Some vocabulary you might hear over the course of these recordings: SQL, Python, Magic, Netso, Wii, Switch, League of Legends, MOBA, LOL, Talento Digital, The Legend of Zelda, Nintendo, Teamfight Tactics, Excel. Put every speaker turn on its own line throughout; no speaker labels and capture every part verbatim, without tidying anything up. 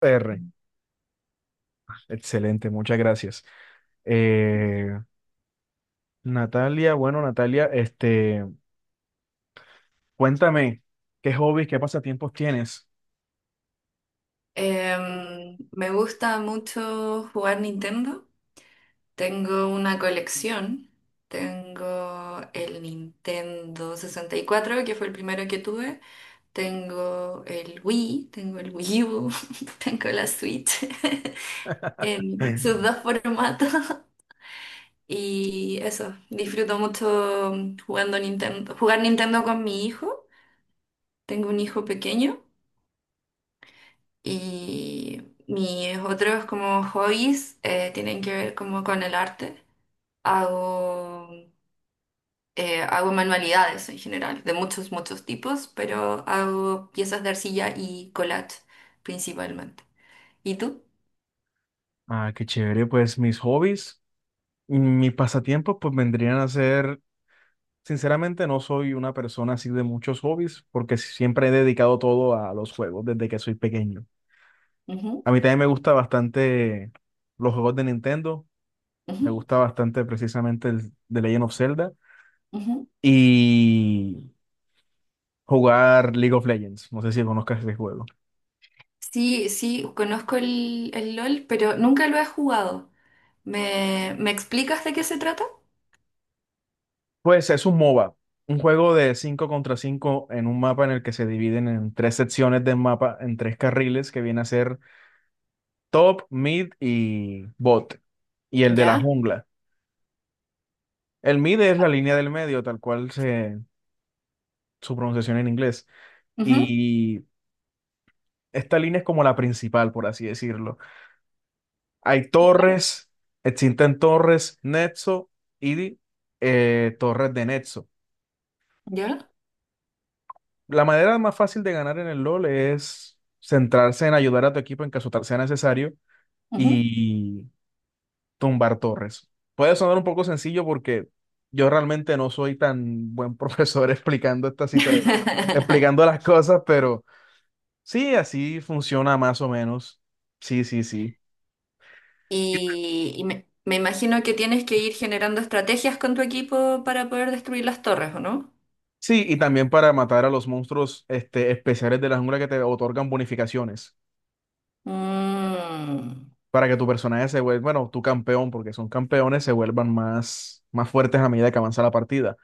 R. Excelente, muchas gracias. Eh, Natalia, bueno, Natalia, este, cuéntame, ¿qué hobbies, qué pasatiempos tienes?
Em, me gusta mucho jugar Nintendo. Tengo una colección. Tengo el Nintendo sesenta y cuatro, que fue el primero que tuve. Tengo el Wii, tengo el Wii U, tengo la Switch en sus dos formatos. Y eso, disfruto mucho jugando Nintendo, jugar Nintendo con mi hijo. Tengo un hijo pequeño. Y mis otros como hobbies eh, tienen que ver como con el arte. Hago, eh, hago manualidades en general, de muchos, muchos tipos, pero hago piezas de arcilla y collage principalmente. ¿Y tú?
Ah, qué chévere, pues mis hobbies, mis pasatiempos, pues vendrían a ser, sinceramente no soy una persona así de muchos hobbies, porque siempre he dedicado todo a los juegos desde que soy pequeño.
Ujú.
A mí también me gusta bastante los juegos de Nintendo, me
Ujú.
gusta bastante precisamente el The Legend of Zelda
Ujú.
y jugar League of Legends. No sé si conozcas ese juego.
Sí, sí, conozco el, el LOL, pero nunca lo he jugado. ¿Me, me explicas de qué se trata?
Pues es un MOBA, un juego de cinco contra cinco en un mapa en el que se dividen en tres secciones del mapa, en tres carriles que viene a ser top, mid y bot. Y el de la
Ya.
jungla. El mid es la línea del medio, tal cual se, su pronunciación en inglés.
Ujú.
Y esta línea es como la principal, por así decirlo. Hay torres, existen torres, Netso y eh, torres de Netso.
Ya.
La manera más fácil de ganar en el LOL es centrarse en ayudar a tu equipo en caso tal sea necesario
Ujú.
y tumbar torres. Puede sonar un poco sencillo porque yo realmente no soy tan buen profesor explicando esta cita, explicando las cosas, pero sí, así funciona más o menos. Sí, sí, sí.
Y, y me, me imagino que tienes que ir generando estrategias con tu equipo para poder destruir las torres, ¿o no?
Sí, y también para matar a los monstruos este, especiales de la jungla que te otorgan bonificaciones.
Mm,
Para que tu personaje se vuelva, bueno, tu campeón, porque son campeones, se vuelvan más, más fuertes a medida que avanza la partida.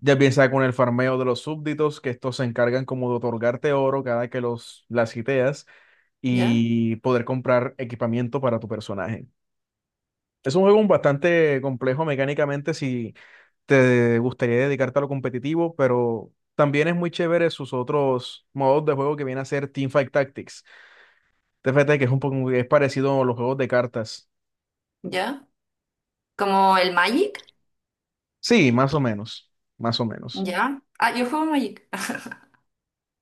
Ya piensa con el farmeo de los súbditos, que estos se encargan como de otorgarte oro cada que los las hiteas
ya,
y poder comprar equipamiento para tu personaje. Es un juego bastante complejo mecánicamente si te gustaría dedicarte a lo competitivo, pero también es muy chévere sus otros modos de juego que viene a ser Teamfight Tactics. T F T, que es un poco es parecido a los juegos de cartas.
ya. ¿Como el Magic?
Sí, más o menos, más o menos.
Ya. Ah, yo juego Magic.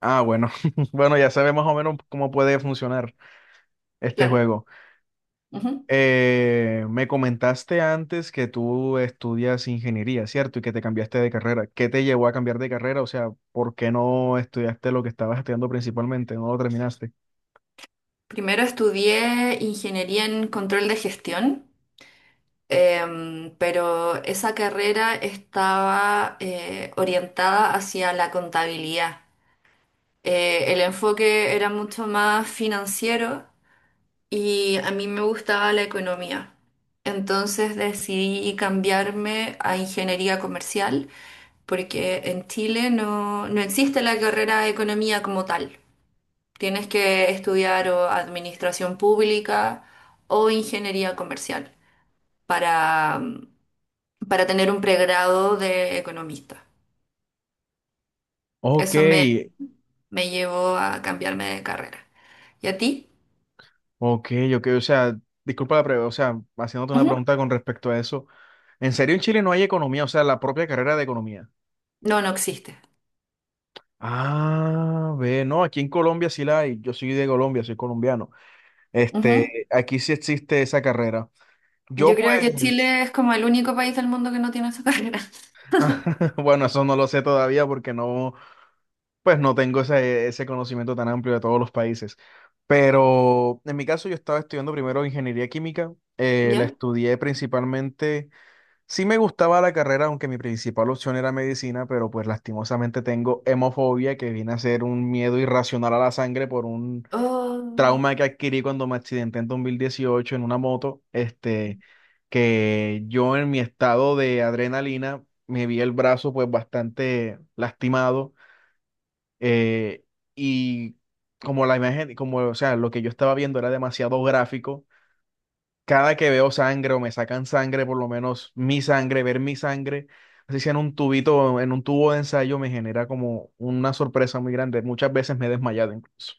Ah, bueno, bueno, ya sabes más o menos cómo puede funcionar este
Claro.
juego.
Ujú.
Eh, me comentaste antes que tú estudias ingeniería, ¿cierto? Y que te cambiaste de carrera. ¿Qué te llevó a cambiar de carrera? O sea, ¿por qué no estudiaste lo que estabas estudiando principalmente? ¿No lo terminaste?
Primero estudié ingeniería en control de gestión. Em, pero esa carrera estaba eh, orientada hacia la contabilidad. Eh, el enfoque era mucho más financiero y a mí me gustaba la economía. Entonces decidí cambiarme a ingeniería comercial porque en Chile no, no existe la carrera de economía como tal. Tienes que estudiar o administración pública o ingeniería comercial para mm, para tener un pregrado de economista.
Ok,
Eso me, me llevó a cambiarme de carrera. ¿Y a ti?
ok, ok. O sea, disculpa la pregunta, o sea, haciéndote una
Ujú.
pregunta con respecto a eso. ¿En serio en Chile no hay economía? O sea, la propia carrera de economía.
No, no existe.
Ah, ve, no, aquí en Colombia sí la hay. Yo soy de Colombia, soy colombiano. Este,
Ujú.
aquí sí existe esa carrera.
Yo
Yo
creo que
pues,
Chile es como el único país del mundo que no tiene esa carrera.
bueno, eso no lo sé todavía porque no, pues no tengo ese, ese conocimiento tan amplio de todos los países. Pero en mi caso yo estaba estudiando primero ingeniería química. eh, la
¿Ya?
estudié principalmente, sí me gustaba la carrera, aunque mi principal opción era medicina, pero pues lastimosamente tengo hemofobia, que viene a ser un miedo irracional a la sangre por un
Oh,
trauma que adquirí cuando me accidenté en dos mil dieciocho en una moto, este, que yo en mi estado de adrenalina me vi el brazo pues bastante lastimado eh, y como la imagen, como, o sea, lo que yo estaba viendo era demasiado gráfico, cada que veo sangre o me sacan sangre, por lo menos mi sangre, ver mi sangre, así sea en un tubito, en un tubo de ensayo, me genera como una sorpresa muy grande. Muchas veces me he desmayado incluso.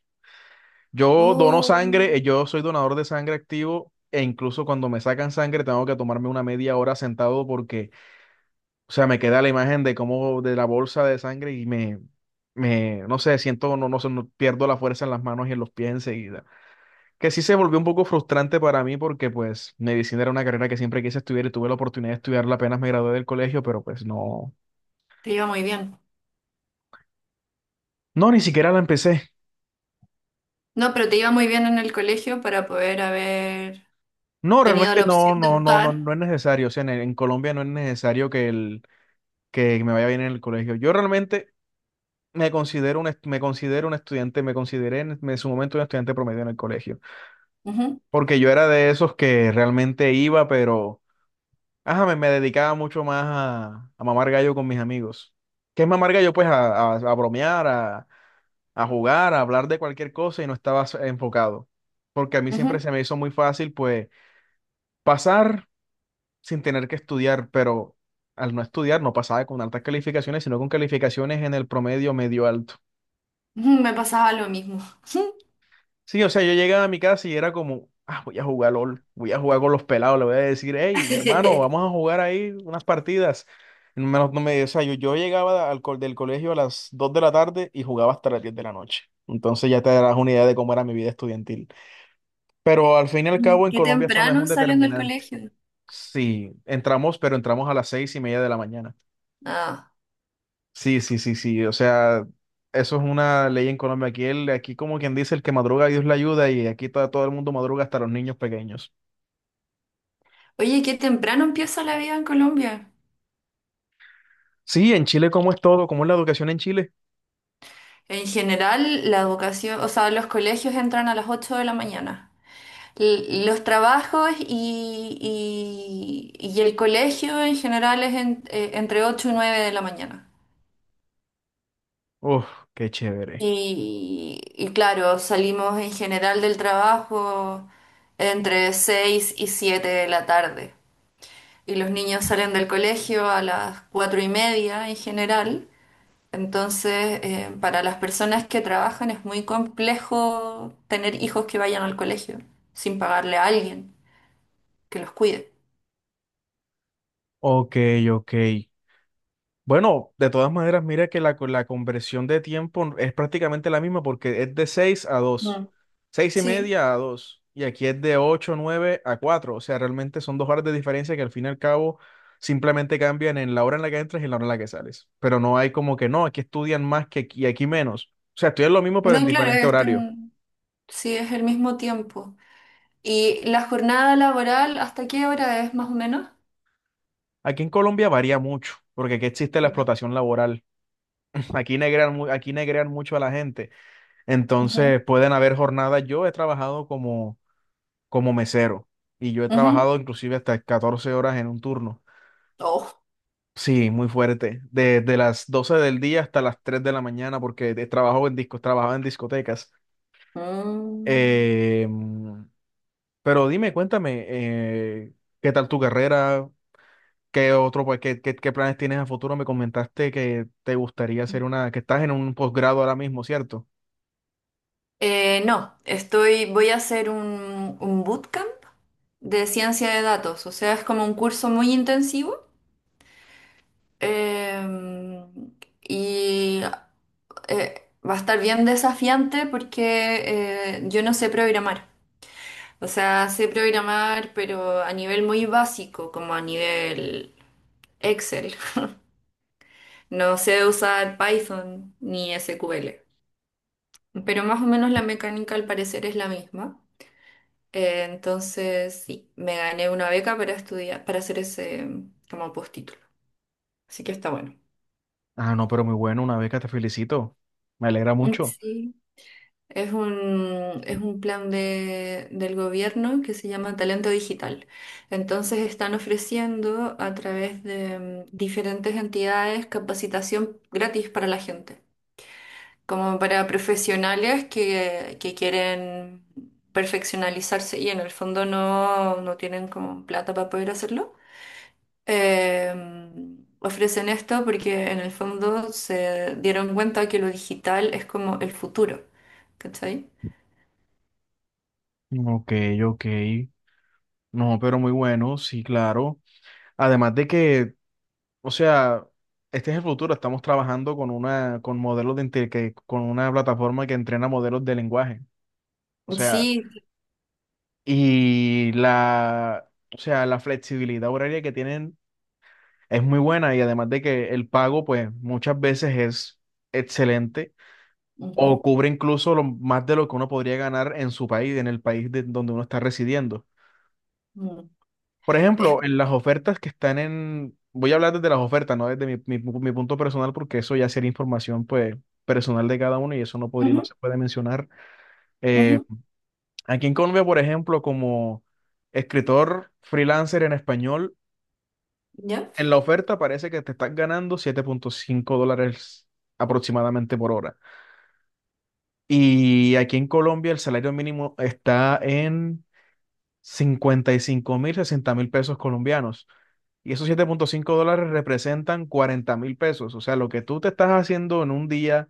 Yo dono
oh,
sangre, eh, yo soy donador de sangre activo e incluso cuando me sacan sangre tengo que tomarme una media hora sentado porque, o sea, me queda la imagen de cómo de la bolsa de sangre y me, me, no sé, siento, no, no sé, no- pierdo la fuerza en las manos y en los pies enseguida. Que sí se volvió un poco frustrante para mí porque pues medicina era una carrera que siempre quise estudiar y tuve la oportunidad de estudiarla apenas me gradué del colegio, pero pues no,
te iba muy bien.
no, ni siquiera la empecé.
No, pero te iba muy bien en el colegio para poder haber
No,
tenido
realmente
la opción
no,
de
no, no, no,
optar.
no es necesario. O sea, en, en Colombia no es necesario que el que me vaya bien en el colegio. Yo realmente me considero un, est- me considero un estudiante, me consideré en, en su momento un estudiante promedio en el colegio,
Ujú.
porque yo era de esos que realmente iba, pero ajá, me, me dedicaba mucho más a- a mamar gallo con mis amigos. ¿Qué es mamar gallo? Pues a, a- a bromear, a, a jugar, a hablar de cualquier cosa y no estaba s- enfocado, porque a mí siempre
Ujú.
se me hizo muy fácil, pues, pasar sin tener que estudiar, pero... Al no estudiar no pasaba con altas calificaciones, sino con calificaciones en el promedio medio alto.
Ujú. Me pasaba lo mismo.
Sí, o sea, yo llegaba a mi casa y era como, ah, voy a jugar LOL, voy a jugar con los pelados, le voy a decir, hey, hermano, vamos a jugar ahí unas partidas. No me, no me- o sea, yo, yo llegaba al co- del colegio a las dos de la tarde y jugaba hasta las diez de la noche. Entonces ya te darás una idea de cómo era mi vida estudiantil. Pero al fin y al cabo en
Qué
Colombia eso no es
temprano
un
salen del
determinante.
colegio.
Sí, entramos, pero entramos a las seis y media de la mañana.
Ah.
Sí, sí, sí, sí. O sea, eso es una ley en Colombia. Aquí, el, aquí como quien dice, el que madruga, Dios le ayuda, y aquí todo, todo el mundo madruga hasta los niños pequeños.
Oye, qué temprano empieza la vida en Colombia.
Sí, en Chile, ¿cómo es todo? ¿Cómo es la educación en Chile?
En general, la educación, o sea, los colegios entran a las ocho de la mañana. L- los trabajos y, y- y el colegio en general es en- eh, entre ocho y nueve de la mañana.
Uf, qué chévere.
Y, y claro, salimos en general del trabajo entre seis y siete de la tarde. Y los niños salen del colegio a las cuatro y media en general. Entonces, eh, para las personas que trabajan es muy complejo tener hijos que vayan al colegio sin pagarle a alguien que los cuide.
Ok, ok. Bueno, de todas maneras, mira que la, co- la conversión de tiempo es prácticamente la misma porque es de seis a dos,
Mm.
seis y
Sí,
media a dos, y aquí es de ocho nueve a cuatro, o sea, realmente son dos horas de diferencia que al fin y al cabo simplemente cambian en la hora en la que entras y en la hora en la que sales, pero no hay como que no, aquí estudian más que aquí y aquí menos, o sea, estudian lo mismo pero en
no, claro,
diferente horario.
están, sí, es el mismo tiempo. ¿Y la jornada laboral, hasta qué hora es más o menos?
Aquí en Colombia varía mucho, porque aquí existe la
Ya.
explotación laboral, aquí negrean, mu- aquí negrean mucho a la gente,
Ujú.
entonces pueden haber jornadas, yo he trabajado como como mesero. Y yo he
Ujú.
trabajado inclusive hasta catorce horas en un turno.
Oh.
Sí, muy fuerte. Desde las doce del día hasta las tres de la mañana, porque he trabajado en discos, trabajaba en discotecas.
Mm.
Eh, pero dime, cuéntame, eh, ¿qué tal tu carrera? ¿Qué otro, pues, qué, qué- qué planes tienes a futuro? Me comentaste que te gustaría hacer una, que estás en un posgrado ahora mismo, ¿cierto?
Eh, no, estoy, voy a hacer un, un bootcamp de ciencia de datos, o sea, es como un curso muy intensivo. Eh, y eh, va a estar bien desafiante porque eh, yo no sé programar. O sea, sé programar, pero a nivel muy básico, como a nivel Excel. No sé usar Python ni S Q L. Pero más o menos la mecánica al parecer es la misma. Eh, entonces, sí, me gané una beca para estudiar, para hacer ese mm, como postítulo. Así que está bueno.
Ah, no, pero muy bueno, una beca, te felicito. Me alegra mucho.
Sí. Es un, es un plan de- del gobierno que se llama Talento Digital. Entonces están ofreciendo a través de mm, diferentes entidades capacitación gratis para la gente, como para profesionales que, que quieren perfeccionalizarse y en el fondo no, no tienen como plata para poder hacerlo. Em, ofrecen esto porque en el fondo se dieron cuenta que lo digital es como el futuro, ¿cachai?
Ok, ok. No, pero muy bueno, sí, claro. Además de que, o sea, este es el futuro. Estamos trabajando con una, con modelos de inte- que, con una plataforma que entrena modelos de lenguaje. O sea,
Sí.
y la, o sea, la flexibilidad horaria que tienen es muy buena y además de que el pago, pues, muchas veces es excelente
Ujú.
o cubre incluso lo- más de lo que uno podría ganar en su país, en el país de, donde uno está residiendo.
Ujú.
Por ejemplo, en
Es-
las ofertas que están en... Voy a hablar desde las ofertas, no desde mi, mi, mi punto personal, porque eso ya sería información pues, personal de cada uno y eso no podría,
Ujú.
no se puede mencionar. Eh,
Ujú.
aquí en Colombia, por ejemplo, como escritor freelancer en español,
¿Ya?
en la oferta parece que te estás ganando siete punto cinco dólares aproximadamente por hora. Y aquí en Colombia el salario mínimo está en cincuenta y cinco mil, sesenta mil pesos colombianos. Y esos siete punto cinco dólares representan cuarenta mil pesos. O sea, lo que tú te estás haciendo en un día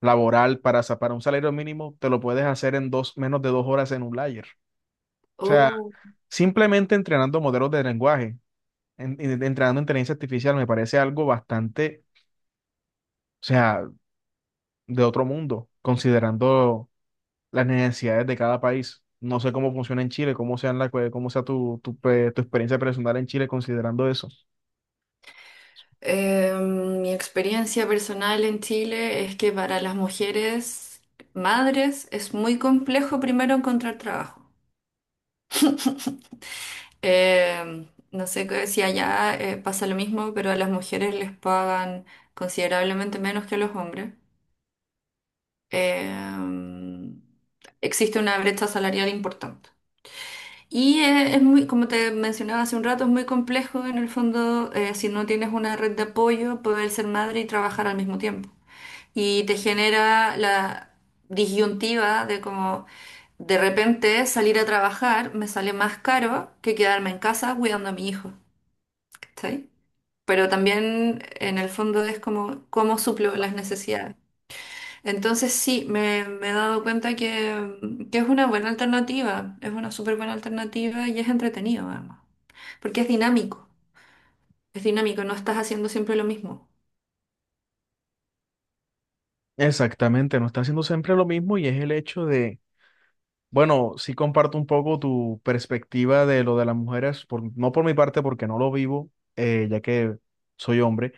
laboral para, sa- para un salario mínimo, te lo puedes hacer en dos, menos de dos horas en un layer. O sea,
Oh.
simplemente entrenando modelos de lenguaje, en- en- entrenando inteligencia artificial, me parece algo bastante, o sea, de otro mundo, considerando las necesidades de cada país. No sé cómo funciona en Chile, cómo sea, la, cue- cómo sea tu, tu, pe- tu experiencia personal en Chile considerando eso.
Eh, mi experiencia personal en Chile es que para las mujeres madres es muy complejo primero encontrar trabajo. Eh, no sé qué- si allá eh, pasa lo mismo, pero a las mujeres les pagan considerablemente menos que a los hombres. Eh, Existe una brecha salarial importante. Y eh, es muy, como te mencionaba hace un rato, es muy complejo en el fondo, eh, si no tienes una red de apoyo, poder ser madre y trabajar al mismo tiempo. Y te genera la disyuntiva de como de repente salir a trabajar me sale más caro que quedarme en casa cuidando a mi hijo, ¿cachai? Pero también en el fondo es como cómo suplo las necesidades. Entonces sí, me, me he dado cuenta que, que es una buena alternativa, es una súper buena alternativa y es entretenido, además. Porque es dinámico, es dinámico, no estás haciendo siempre lo mismo.
Exactamente, no está haciendo siempre lo mismo y es el hecho de, bueno, sí comparto un poco tu perspectiva de lo de las mujeres, por, no por mi parte porque no lo vivo, eh, ya que soy hombre,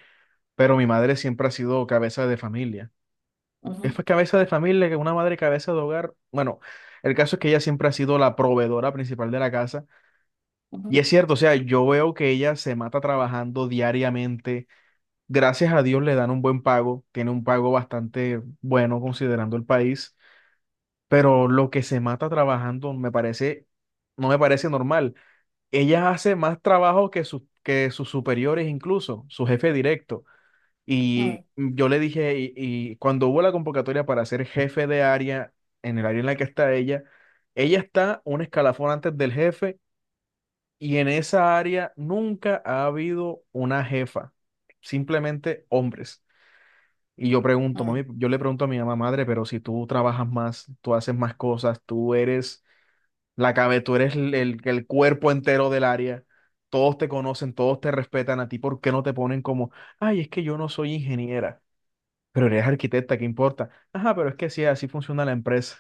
pero mi madre siempre ha sido cabeza de familia. Es
Ujú.
pues cabeza de familia, que una madre cabeza de hogar. Bueno, el caso es que ella siempre ha sido la proveedora principal de la casa. Y
Ujú.
es cierto, o sea, yo veo que ella se mata trabajando diariamente. Gracias a Dios le dan un buen pago, tiene un pago bastante bueno considerando el país, pero lo que se mata trabajando me parece, no me parece normal. Ella hace más trabajo que sus, que sus superiores incluso, su jefe directo.
Mm.
Y yo le dije, y, y cuando hubo la convocatoria para ser jefe de área en el área en la que está ella, ella está un escalafón antes del jefe, y en esa área nunca ha habido una jefa, simplemente hombres. Y yo pregunto,
Mm.
mami, yo le pregunto a mi mamá, madre, pero si tú trabajas más, tú haces más cosas, tú eres la cabeza, tú eres el, el- el cuerpo entero del área, todos te conocen, todos te respetan a ti, ¿por qué no te ponen como, ay, es que yo no soy ingeniera? Pero eres arquitecta, ¿qué importa? Ajá, pero es que sí, así funciona la empresa.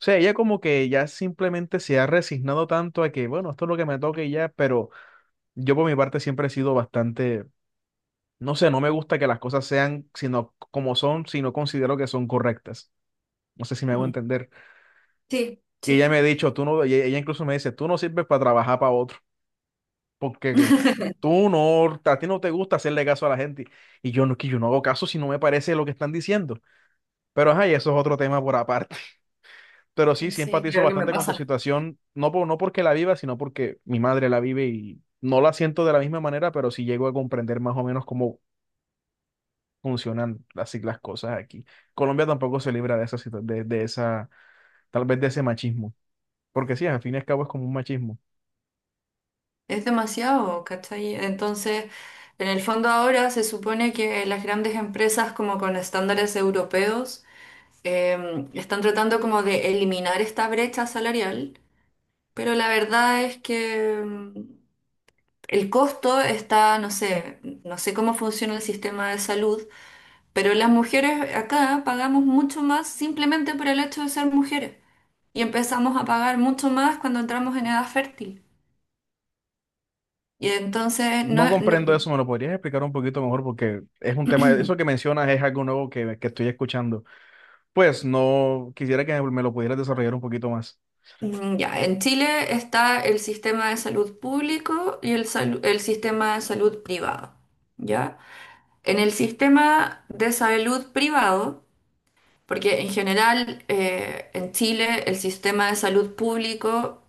O sea, ella como que ya simplemente se ha resignado tanto a que, bueno, esto es lo que me toca y ya. Pero yo por mi parte siempre he sido bastante, no sé, no me gusta que las cosas sean sino como son, sino considero que son correctas. No sé si me hago
Mm.
entender.
Sí,
Y ella
sí.
me ha dicho, tú no, y ella incluso me dice, tú no sirves para trabajar para otro, porque tú no, a ti no te gusta hacerle caso a la gente. Y yo no, que yo no hago caso si no me parece lo que están diciendo. Pero ajá, y eso es otro tema por aparte. Pero sí, sí
Sí,
empatizo
creo que me
bastante con tu
pasa.
situación, no por, no porque la viva, sino porque mi madre la vive y no la siento de la misma manera, pero sí llego a comprender más o menos cómo funcionan así las cosas aquí. Colombia tampoco se libra de esa, situ- de, de esa, tal vez de ese machismo, porque sí, al fin y al cabo es como un machismo.
Es demasiado, ¿cachai? Entonces, en el fondo ahora se supone que las grandes empresas como con estándares europeos eh, están tratando como de eliminar esta brecha salarial, pero la verdad es que mm, el costo está, no sé, no sé cómo funciona el sistema de salud. Pero las mujeres acá pagamos mucho más simplemente por el hecho de ser mujeres. Y empezamos a pagar mucho más cuando entramos en edad fértil. Y entonces,
No
no, no-
comprendo eso, ¿me lo podrías explicar un poquito mejor? Porque es un tema, eso que mencionas es algo nuevo que, que estoy escuchando. Pues no, quisiera que me lo pudieras desarrollar un poquito más.
Mm, ya, en Chile está el sistema de salud público y el, salu- el sistema de salud privado. ¿Ya? En el sistema de salud privado, porque en general eh, en Chile el sistema de salud público,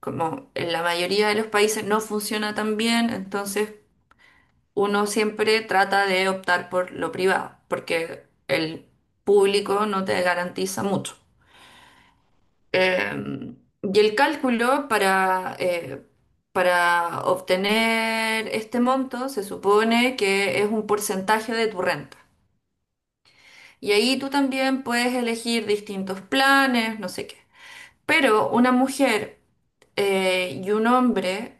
como en la mayoría de los países, no funciona tan bien, entonces uno siempre trata de optar por lo privado, porque el público no te garantiza mucho. Eh, y el cálculo para, eh, para obtener este monto se supone que es un porcentaje de tu renta. Y ahí tú también puedes elegir distintos planes, no sé qué. Pero una mujer eh, y un hombre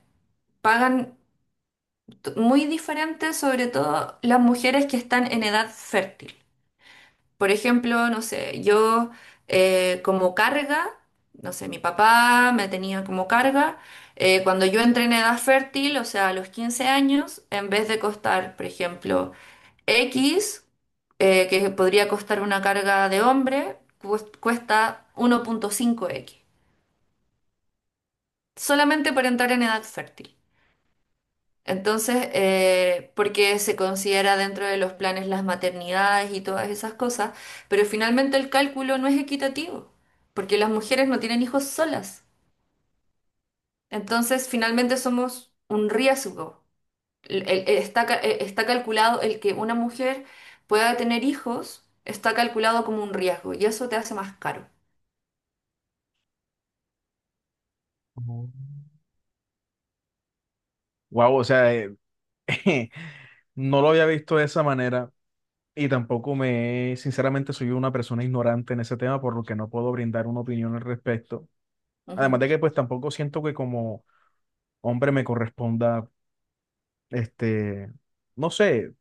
pagan t- muy diferente, sobre todo las mujeres que están en edad fértil. Por ejemplo, no sé, yo eh, como carga, no sé, mi papá me tenía como carga. eh, cuando yo entré en edad fértil, o sea, a los quince años, en vez de costar, por ejemplo, X, eh, que podría costar una carga de hombre, cues- cuesta uno punto cinco equis, solamente por entrar en edad fértil. Entonces, eh, porque se considera dentro de los planes las maternidades y todas esas cosas, pero finalmente el cálculo no es equitativo, porque las mujeres no tienen hijos solas. Entonces, finalmente somos un riesgo. El- el- está, ca- eh, está calculado el que una mujer pueda tener hijos, está calculado como un riesgo, y eso te hace más caro.
Oh. Wow, o sea, eh, no lo había visto de esa manera y tampoco me, sinceramente, soy una persona ignorante en ese tema, por lo que no puedo brindar una opinión al respecto. Además
Ujú.
de que pues tampoco siento que como hombre me corresponda, este, no sé,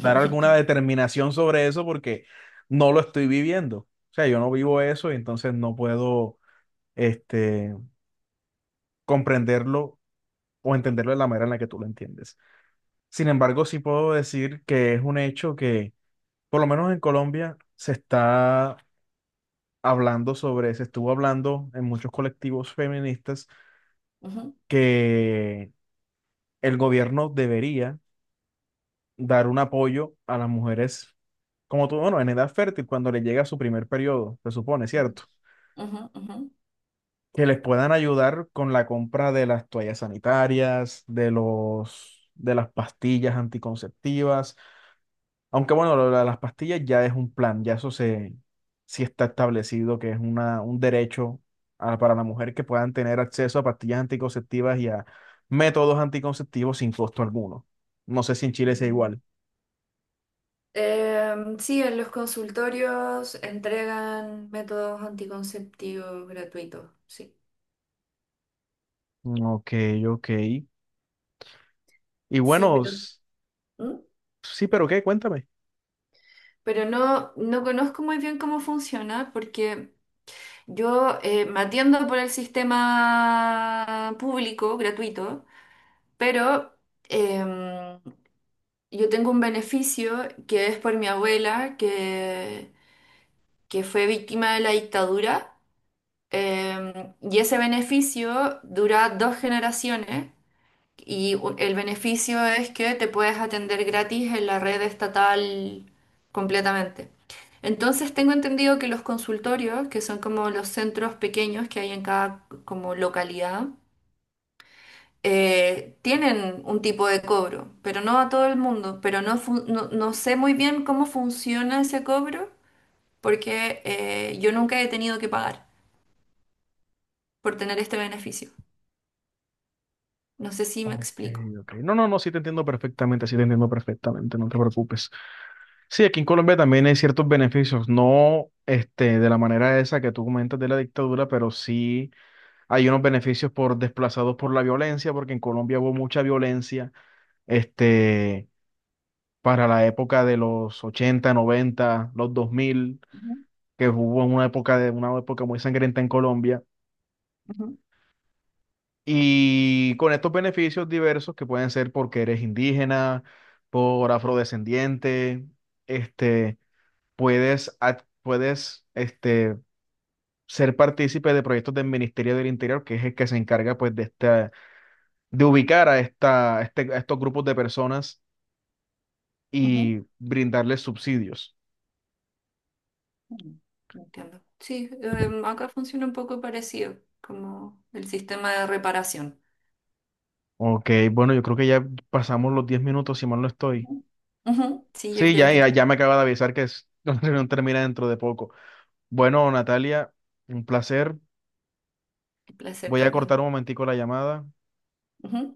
dar alguna determinación sobre eso porque no lo estoy viviendo. O sea, yo no vivo eso y entonces no puedo, este, comprenderlo o entenderlo de la manera en la que tú lo entiendes. Sin embargo, sí puedo decir que es un hecho que, por lo menos en Colombia, se está hablando sobre, se estuvo hablando en muchos colectivos feministas
Ujú.
que el gobierno debería dar un apoyo a las mujeres, como tú, bueno, en edad fértil, cuando les llega su primer periodo, se supone,
Ujú.
¿cierto?
Ujú. Ujú.
Que les puedan ayudar con la compra de las toallas sanitarias, de los, de las pastillas anticonceptivas. Aunque bueno, lo de las pastillas ya es un plan, ya eso se, sí está establecido que es una, un derecho a- para la mujer, que puedan tener acceso a pastillas anticonceptivas y a métodos anticonceptivos sin costo alguno. No sé si en Chile sea igual.
Em, sí, en los consultorios entregan métodos anticonceptivos gratuitos, sí.
Ok, ok. Y
Sí,
bueno,
pero,
s-
¿Mm?
sí, pero ¿qué? Cuéntame.
Pero no, no conozco muy bien cómo funciona porque yo eh, me atiendo por el sistema público gratuito, pero em, yo tengo un beneficio que es por mi abuela que, que fue víctima de la dictadura, em, y ese beneficio dura dos generaciones. Y u- el beneficio es que te puedes atender gratis en la red estatal completamente. Entonces tengo entendido que los consultorios, que son como los centros pequeños que hay en cada como localidad, eh, tienen un tipo de cobro, pero no a todo el mundo. Pero no, fu- no, no sé muy bien cómo funciona ese cobro porque eh, yo nunca he tenido que pagar por tener este beneficio. No sé si me
Ok,
explico.
ok. No, no, no, sí te entiendo perfectamente, sí te entiendo perfectamente, no te preocupes. Sí, aquí en Colombia también hay ciertos beneficios, no este, de la manera esa que tú comentas de la dictadura, pero sí hay unos beneficios por desplazados por la violencia, porque en Colombia hubo mucha violencia, este, para la época de los ochenta, noventa, los dos mil,
Ujú.
que hubo una época, de, una época muy sangrienta en Colombia.
Ujú.
Y con estos beneficios diversos que pueden ser porque eres indígena, por afrodescendiente, este, puedes, ad- puedes este, ser partícipe de proyectos del Ministerio del Interior, que es el que se encarga pues, de, esta, de ubicar a, esta, a este- a estos grupos de personas y
Ujú.
brindarles subsidios.
Mm, Entiendo. Sí, em, acá funciona un poco parecido, como el sistema de reparación.
Ok, bueno, yo creo que ya pasamos los diez minutos, si mal no estoy.
Ujú. Ujú. Sí, yo
Sí,
creo
ya,
que
ya, ya me acaba de avisar que es, la reunión termina dentro de poco. Bueno, Natalia, un placer.
el placer
Voy a cortar
también.
un momentico la llamada.
Ujú.